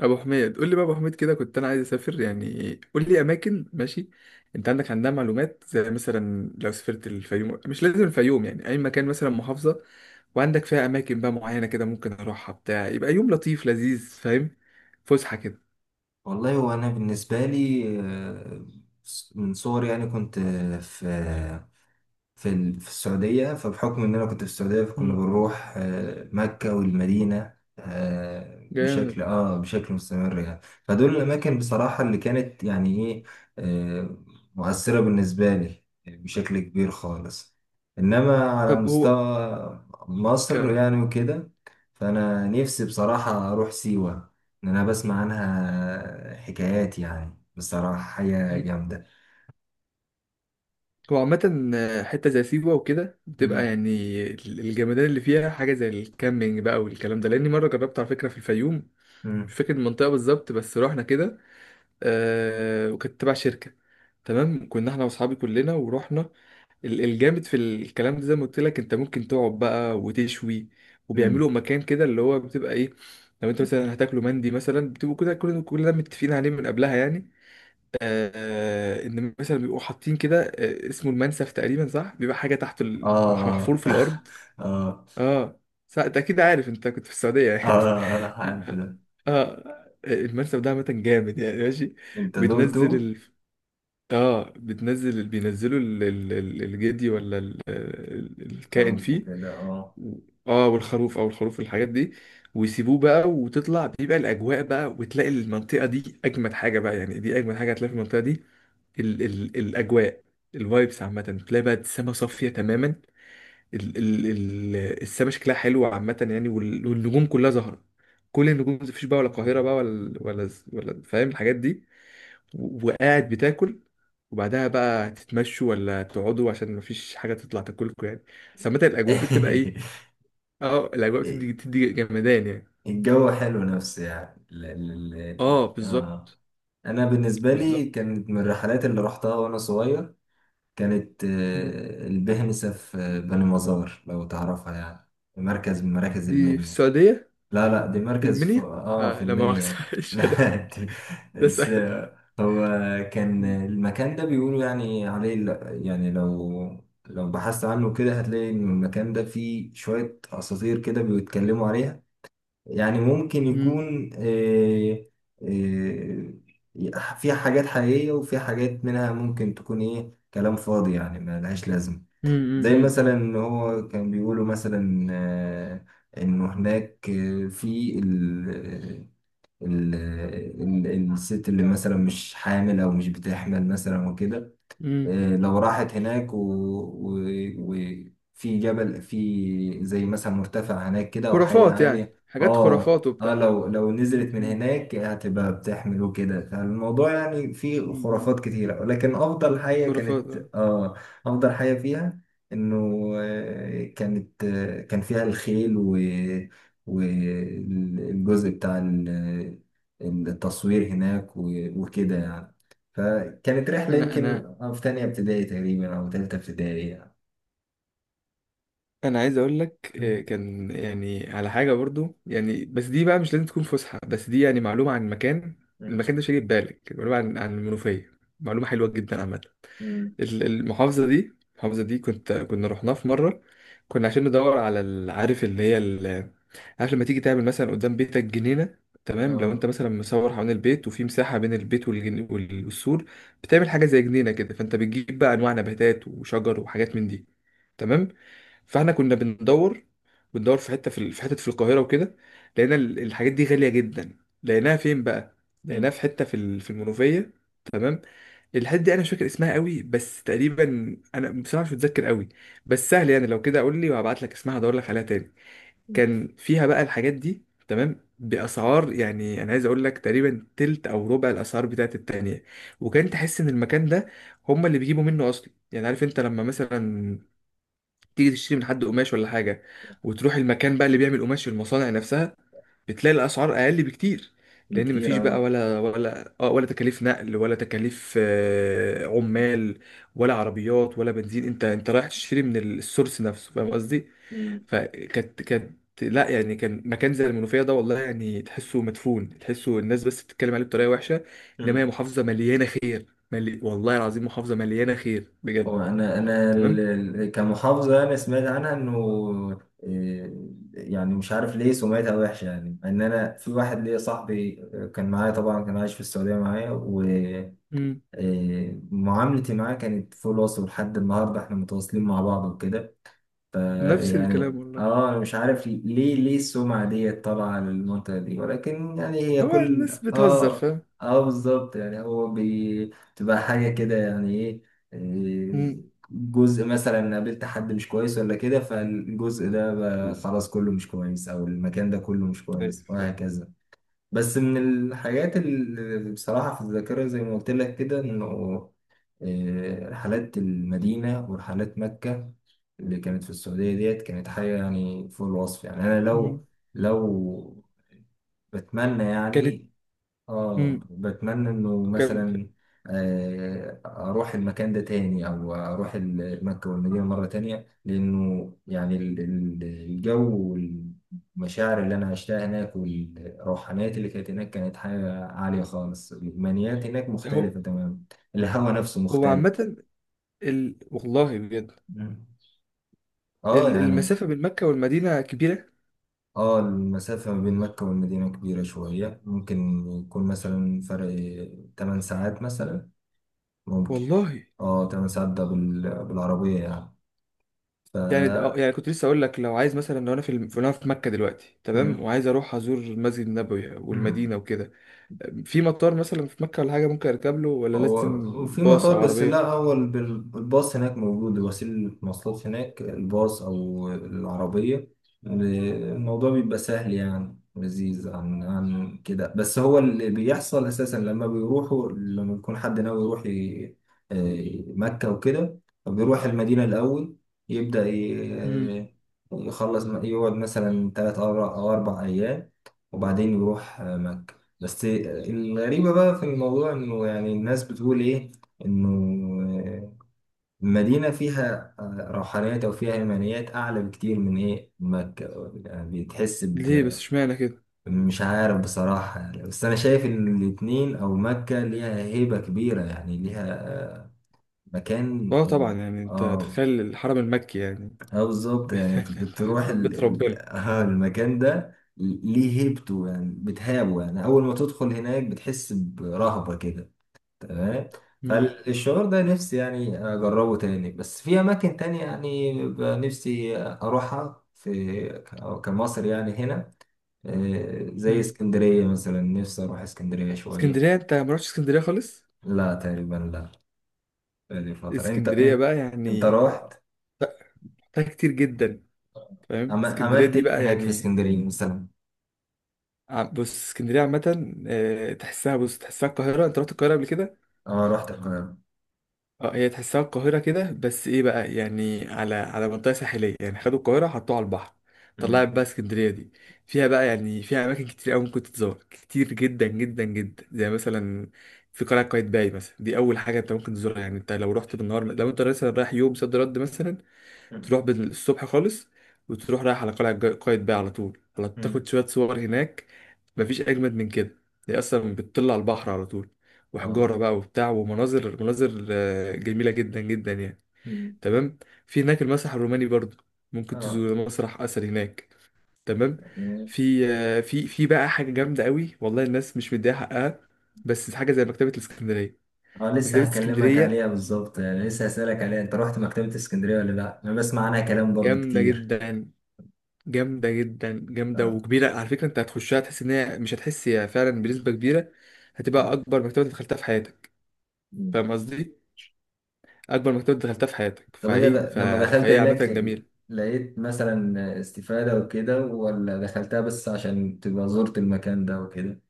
ابو حميد، قول لي بقى. ابو حميد كده، كنت انا عايز اسافر يعني، قول لي اماكن. ماشي، انت عندها معلومات، زي مثلا لو سافرت الفيوم. مش لازم الفيوم يعني، اي مكان مثلا، محافظة وعندك فيها اماكن بقى معينة كده، ممكن اروحها بتاع، يبقى يوم لطيف لذيذ، فاهم، فسحة كده. والله وانا بالنسبه لي من صغري يعني كنت آه، في في ال- في السعودية فبحكم إن أنا كنت في السعودية فكنا مم. بنروح مكة والمدينة جامد. بشكل مستمر يعني فدول الأماكن بصراحة اللي كانت يعني إيه آه، مؤثرة بالنسبة لي بشكل كبير خالص. إنما على طب هو مستوى مصر كم. يعني وكده، فأنا نفسي بصراحة أروح سيوة. إن أنا بسمع عنها حكايات يعني بصراحة حاجة مم. جامدة. هو عامة، حتة زي سيوة وكده بتبقى مم. يعني الجمدان اللي فيها، حاجة زي الكامبينج بقى والكلام ده، لأني مرة جربت على فكرة في الفيوم. مش مم. فاكر المنطقة بالظبط، بس رحنا كده. وكانت تبع شركة. تمام، كنا احنا واصحابي كلنا ورحنا. الجامد في الكلام ده، زي ما قلت لك، انت ممكن تقعد بقى وتشوي، مم. وبيعملوا مكان كده اللي هو بتبقى ايه. لو انت مثلا هتاكلوا مندي مثلا، بتبقوا كده كلنا كلنا متفقين عليه من قبلها يعني. ان مثلا بيبقوا حاطين كده، اسمه المنسف تقريبا، صح؟ بيبقى حاجه تحت، محفور اه في اه الارض. اه اه، صح. انت اكيد عارف، انت كنت في السعوديه اه، يعني. اه، اه، عارف ده. اه. المنسف ده عامه جامد يعني، ماشي. انت دوتو بتنزل. اه، بتنزل، بينزلوا الجدي، ولا الكائن خروف فيه. وكده اه. و- اه والخروف او الخروف الحاجات دي. ويسيبوه بقى وتطلع، بيبقى الاجواء بقى، وتلاقي المنطقه دي اجمد حاجه بقى يعني، دي اجمد حاجه هتلاقي في المنطقه دي. ال ال الاجواء، الفايبس عامه. تلاقي بقى السما صافيه تماما. ال ال ال السما شكلها حلو عامه يعني، والنجوم كلها ظاهره. كل النجوم، مفيش بقى ولا القاهره بقى، ولا، فاهم الحاجات دي. وقاعد بتاكل، وبعدها بقى تتمشوا ولا تقعدوا، عشان مفيش حاجة تطلع تاكلكم يعني. بس عامة الأجواء بتبقى إيه؟ أه، الأجواء بتدي جمدان يعني. الجو حلو نفسي أه، بالظبط. انا بالنسبه لي بالظبط. كانت من الرحلات اللي رحتها وانا صغير. كانت مم. البهنسه في بني مزار لو تعرفها يعني، مركز من مراكز دي في المنيا. السعودية؟ لا لا دي في مركز في المنيا. اه آه، في لا المنيا. مؤاخذة مش أنا. لا دي ده بس. سهل. هو كان مم. المكان ده بيقولوا يعني عليه ل- يعني لو لو بحثت عنه كده هتلاقي ان المكان ده فيه شوية اساطير كده بيتكلموا عليها. يعني ممكن مم. يكون فيها حاجات حقيقية وفيها حاجات منها ممكن تكون ايه كلام فاضي يعني ما لهاش لازمة. مم. زي مم. مثلا مم. ان هو كان بيقولوا مثلا انه هناك آه، في ال آه، ال آه، ال- الست اللي مثلا مش حامل او مش بتحمل مثلا وكده. مم. لو راحت هناك و... وفي جبل في زي مثلا مرتفع هناك كده او حي خرافات يعني، عالي. حاجات اه خرافات اه وبتاع. لو نزلت مم. من مم. هناك هتبقى بتحمل وكده. فالموضوع يعني فيه مم. مم. خرافات كتيرة ولكن افضل حاجة خرافات كانت آه. اه افضل حاجة فيها انه كان فيها الخيل و والجزء بتاع ال- التصوير هناك وكده يعني. كانت رحلة أنا أنا يمكن في تانية ابتدائي تقريبا أو تالتة ابتدائي يعني. انا عايز اقول لك، مم. كان يعني على حاجه برضو يعني، بس دي بقى مش لازم تكون فسحه، بس دي يعني معلومه عن المكان. مم. المكان ده مش هيجي في بالك، معلومه عن المنوفيه، معلومه حلوه جدا عامه. مم. المحافظه دي، كنا رحناها في مره. كنا عشان ندور على عارف اللي هي، عارف لما تيجي تعمل مثلا قدام بيتك جنينه. تمام، لو اه انت مثلا مصور حوالين البيت، وفي مساحه بين البيت والسور، بتعمل حاجه زي جنينه كده، فانت بتجيب بقى انواع نباتات وشجر وحاجات من دي. تمام. فاحنا كنا بندور في حته، في حته في القاهره وكده. لقينا الحاجات دي غاليه جدا. لقيناها فين بقى؟ لقيناها في حته، في المنوفيه. تمام. الحته دي انا مش فاكر اسمها قوي، بس تقريبا، انا بصراحه مش متذكر قوي، بس سهل يعني. لو كده قول لي، وهبعت لك اسمها، هدور لك عليها تاني. كان فيها بقى الحاجات دي، تمام، باسعار، يعني انا عايز اقول لك تقريبا تلت او ربع الاسعار بتاعت التانية. وكان تحس ان المكان ده هما اللي بيجيبوا منه اصلا. يعني عارف انت، لما مثلا تيجي تشتري من حد قماش ولا حاجة، وتروح المكان بقى اللي بيعمل قماش في المصانع نفسها، بتلاقي الأسعار أقل بكتير، لأن مفيش بكتير بقى اه. ولا ولا ولا تكاليف نقل، ولا تكاليف عمال، ولا عربيات، ولا بنزين. أنت رايح تشتري من السورس نفسه، فاهم قصدي؟ مم. فكانت لا، يعني كان مكان زي المنوفية ده والله يعني، تحسه مدفون، تحسه الناس بس بتتكلم عليه بطريقة وحشة. إنما هي مم. محافظة مليانة خير، والله العظيم محافظة مليانة خير هو بجد. تمام؟ كمحافظة أنا سمعت عنها إنه يعني مش عارف ليه سمعتها وحشة يعني. إن أنا في واحد ليا صاحبي كان معايا طبعا، كان عايش في السعودية معايا، مم. ومعاملتي معاه كانت فول. وصل لحد النهاردة إحنا متواصلين مع بعض وكده. ف- نفس يعني الكلام والله. اه انا مش عارف ليه السمعة دي طالعة للمنطقة دي، ولكن يعني هي هو كل الناس بتهزر، اه فاهم. اه بالظبط يعني هو بتبقى حاجة كده يعني ايه إيه، مم. جزء مثلا قابلت حد مش كويس ولا كده، فالجزء ده بقى خلاص كله مش كويس او المكان ده كله مش ايوه، كويس ايوه. وهكذا. بس من الحاجات اللي بصراحة في الذاكرة زي ما قلت لك كده، إنه رحلات المدينة ورحلات مكة اللي كانت في السعودية ديت كانت حاجة يعني فوق الوصف. يعني أنا مم. لو لو بتمنى كانت. يعني اه مم. بتمنى انه كان. مثلا اروح المكان ده تاني او اروح مكة والمدينة مرة تانية. لانه يعني الجو والمشاعر اللي انا عشتها هناك والروحانيات اللي كانت هناك كانت حاجة عالية خالص. الايمانيات هناك هو. مختلفة تماما، الهوا نفسه هو مختلف. عامة، والله بجد. مم. اه يعني المسافة بين مكة والمدينة كبيرة. اه المسافة ما بين مكة والمدينة كبيرة شوية. ممكن يكون مثلا فرق 8 ساعات مثلا ممكن. والله. اه 8 ساعات ده بالعربية يعني. ف يعني، يعني كنت لسه اقول لك، لو عايز مثلا، لو انا في مكة دلوقتي، تمام، مم. وعايز اروح ازور المسجد النبوي والمدينة مم. وكده، في مطار مثلا في مكة ولا حاجة ممكن اركب له، ولا هو لازم وفي باص مطار او بس لا عربية؟ الباص هناك موجود، وسيلة مواصلات هناك الباص أو العربية. الموضوع بيبقى سهل يعني لذيذ عن كده. بس هو اللي بيحصل أساسا لما بيروحوا لما بيكون حد ناوي يروح مكة وكده، بيروح المدينة الأول. يبدأ مم. ي- يخلص يقعد مثلا تلات أو أربع أيام وبعدين يروح مكة. بس الغريبة بقى في الموضوع إنه يعني الناس بتقول إيه، إنه المدينة فيها روحانيات أو فيها إيمانيات أعلى بكتير من إيه مكة. يعني بتحس ليه بس، ب اشمعنى كده؟ مش عارف بصراحة يعني. بس أنا شايف إن الاتنين أو مكة ليها هيبة كبيرة يعني ليها آه، مكان. اه، طبعا يعني، انت آه تخيل الحرم المكي يعني. آه بالظبط بيت يعني بتروح بيت ربنا. المكان ده ليه هيبته يعني بتهابه يعني أول ما تدخل هناك بتحس برهبة كده. تمام. مم. فالشعور ده نفسي يعني أجربه تاني بس في أماكن تانية، يعني بيبقى نفسي أروحها كمصر يعني هنا. زي مم. اسكندرية مثلا، نفسي أروح اسكندرية شوية. اسكندرية، انت ما رحتش اسكندرية خالص؟ لا تقريبا لا. بقالي فترة. أنت اسكندرية أنت بقى أنت يعني. روحت لا، فيها كتير جدا. فاهم، عم- اسكندرية عملت دي إيه بقى هناك في يعني، اسكندرية مثلا؟ بص، اسكندرية عامة، تحسها القاهرة. انت رحت القاهرة قبل كده؟ أه رحت القاهرة. اه، هي تحسها القاهرة كده، بس ايه بقى يعني، على منطقة ساحلية يعني. خدوا القاهرة حطوها على البحر، أمم. طلعت بقى اسكندرية دي. فيها بقى يعني، فيها أماكن كتير أوي ممكن تتزور كتير جدا جدا جدا، زي مثلا في قلعة قايتباي مثلا. دي أول حاجة أنت ممكن تزورها يعني. أنت لو رحت بالنهار، لو أنت مثلا رايح يوم صد رد مثلا، أمم. تروح الصبح خالص، وتروح رايح على قلعة قايتباي على طول، على تاخد أمم. شوية صور هناك. مفيش أجمد من كده. هي أصلا بتطل على البحر على طول، أه وحجارة بقى وبتاع، ومناظر جميلة جدا جدا يعني. أمم. تمام. في هناك المسرح الروماني برضو، ممكن أه تزور مسرح أثر هناك. تمام. في بقى حاجة جامدة قوي والله، الناس مش مديها حقها، بس حاجة زي مكتبة الإسكندرية. اه لسه مكتبة هكلمك اسكندرية عليها بالظبط يعني، لسه هسألك عليها. انت رحت مكتبة اسكندرية ولا لا؟ انا بسمع عنها كلام برضو جامدة كتير. جدا. جامدة جدا، جامدة، اه. وكبيرة على فكرة. انت هتخشها، تحس ان هي، مش هتحس هي فعلا، بنسبة كبيرة هتبقى اكبر مكتبة دخلتها في حياتك. مم. فاهم قصدي؟ اكبر مكتبة دخلتها في حياتك، طب انت د- لما دخلت فهي عامة هناك جميلة. لقيت مثلا استفادة وكده، ولا دخلتها بس عشان تبقى زرت المكان ده وكده؟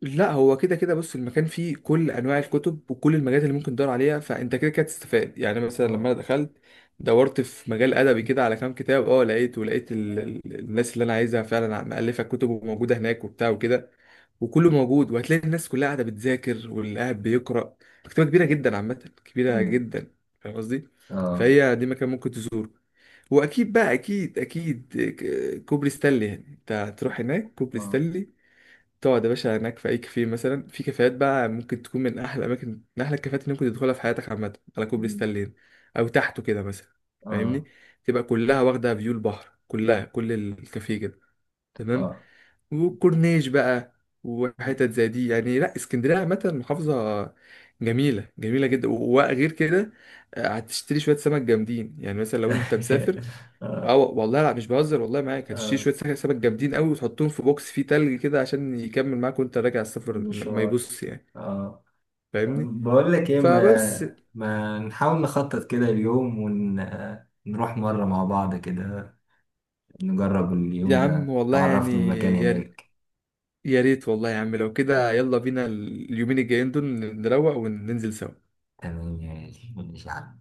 لا، هو كده كده بص، المكان فيه كل انواع الكتب وكل المجالات اللي ممكن تدور عليها، فانت كده كده تستفاد يعني. مثلا اه لما انا دخلت، دورت في مجال ادبي كده على كام كتاب، لقيت، الناس اللي انا عايزها فعلا مؤلفه كتب، وموجوده هناك وبتاع وكده. وكله موجود، وهتلاقي الناس كلها قاعده بتذاكر، واللي قاعد بيقرا. مكتبه كبيره جدا عامه، كبيره مم. جدا. فاهم قصدي. اه فهي دي مكان ممكن تزوره. واكيد بقى، اكيد اكيد، كوبري ستانلي، يعني انت هتروح هناك كوبري اه ستانلي، تقعد يا باشا هناك في اي كافيه. مثلا في كافيهات بقى ممكن تكون من احلى اماكن، من احلى الكافيهات اللي ممكن تدخلها في حياتك عامه، على كوبري مم. ستانلين، او تحته كده مثلا. اه فاهمني، تبقى كلها واخده فيو البحر، كلها كل الكافيه كده. تمام. اه وكورنيش بقى، وحتت زي دي يعني. لا، اسكندريه عامه محافظه جميله، جميله جدا. وغير كده، هتشتري شويه سمك جامدين، يعني مثلا لو انت مسافر. اه والله لا مش بهزر، والله معاك هتشتري اه شويه سمك جامدين قوي، وتحطهم في بوكس فيه تلج كده، عشان يكمل معاك وانت راجع السفر، ما مشوار يبص يعني. اه. فاهمني، بقول لك ايه، فبس. ما ما نحاول نخطط كده اليوم ونروح مرة مع بعض كده. نجرب يا اليوم عم ده، والله يعني، تعرفني المكان يا ر- هناك. يا ريت والله يا عم، لو كده يلا بينا اليومين الجايين دول، نروق وننزل سوا. تمام يا غالي، ماشي يا عم.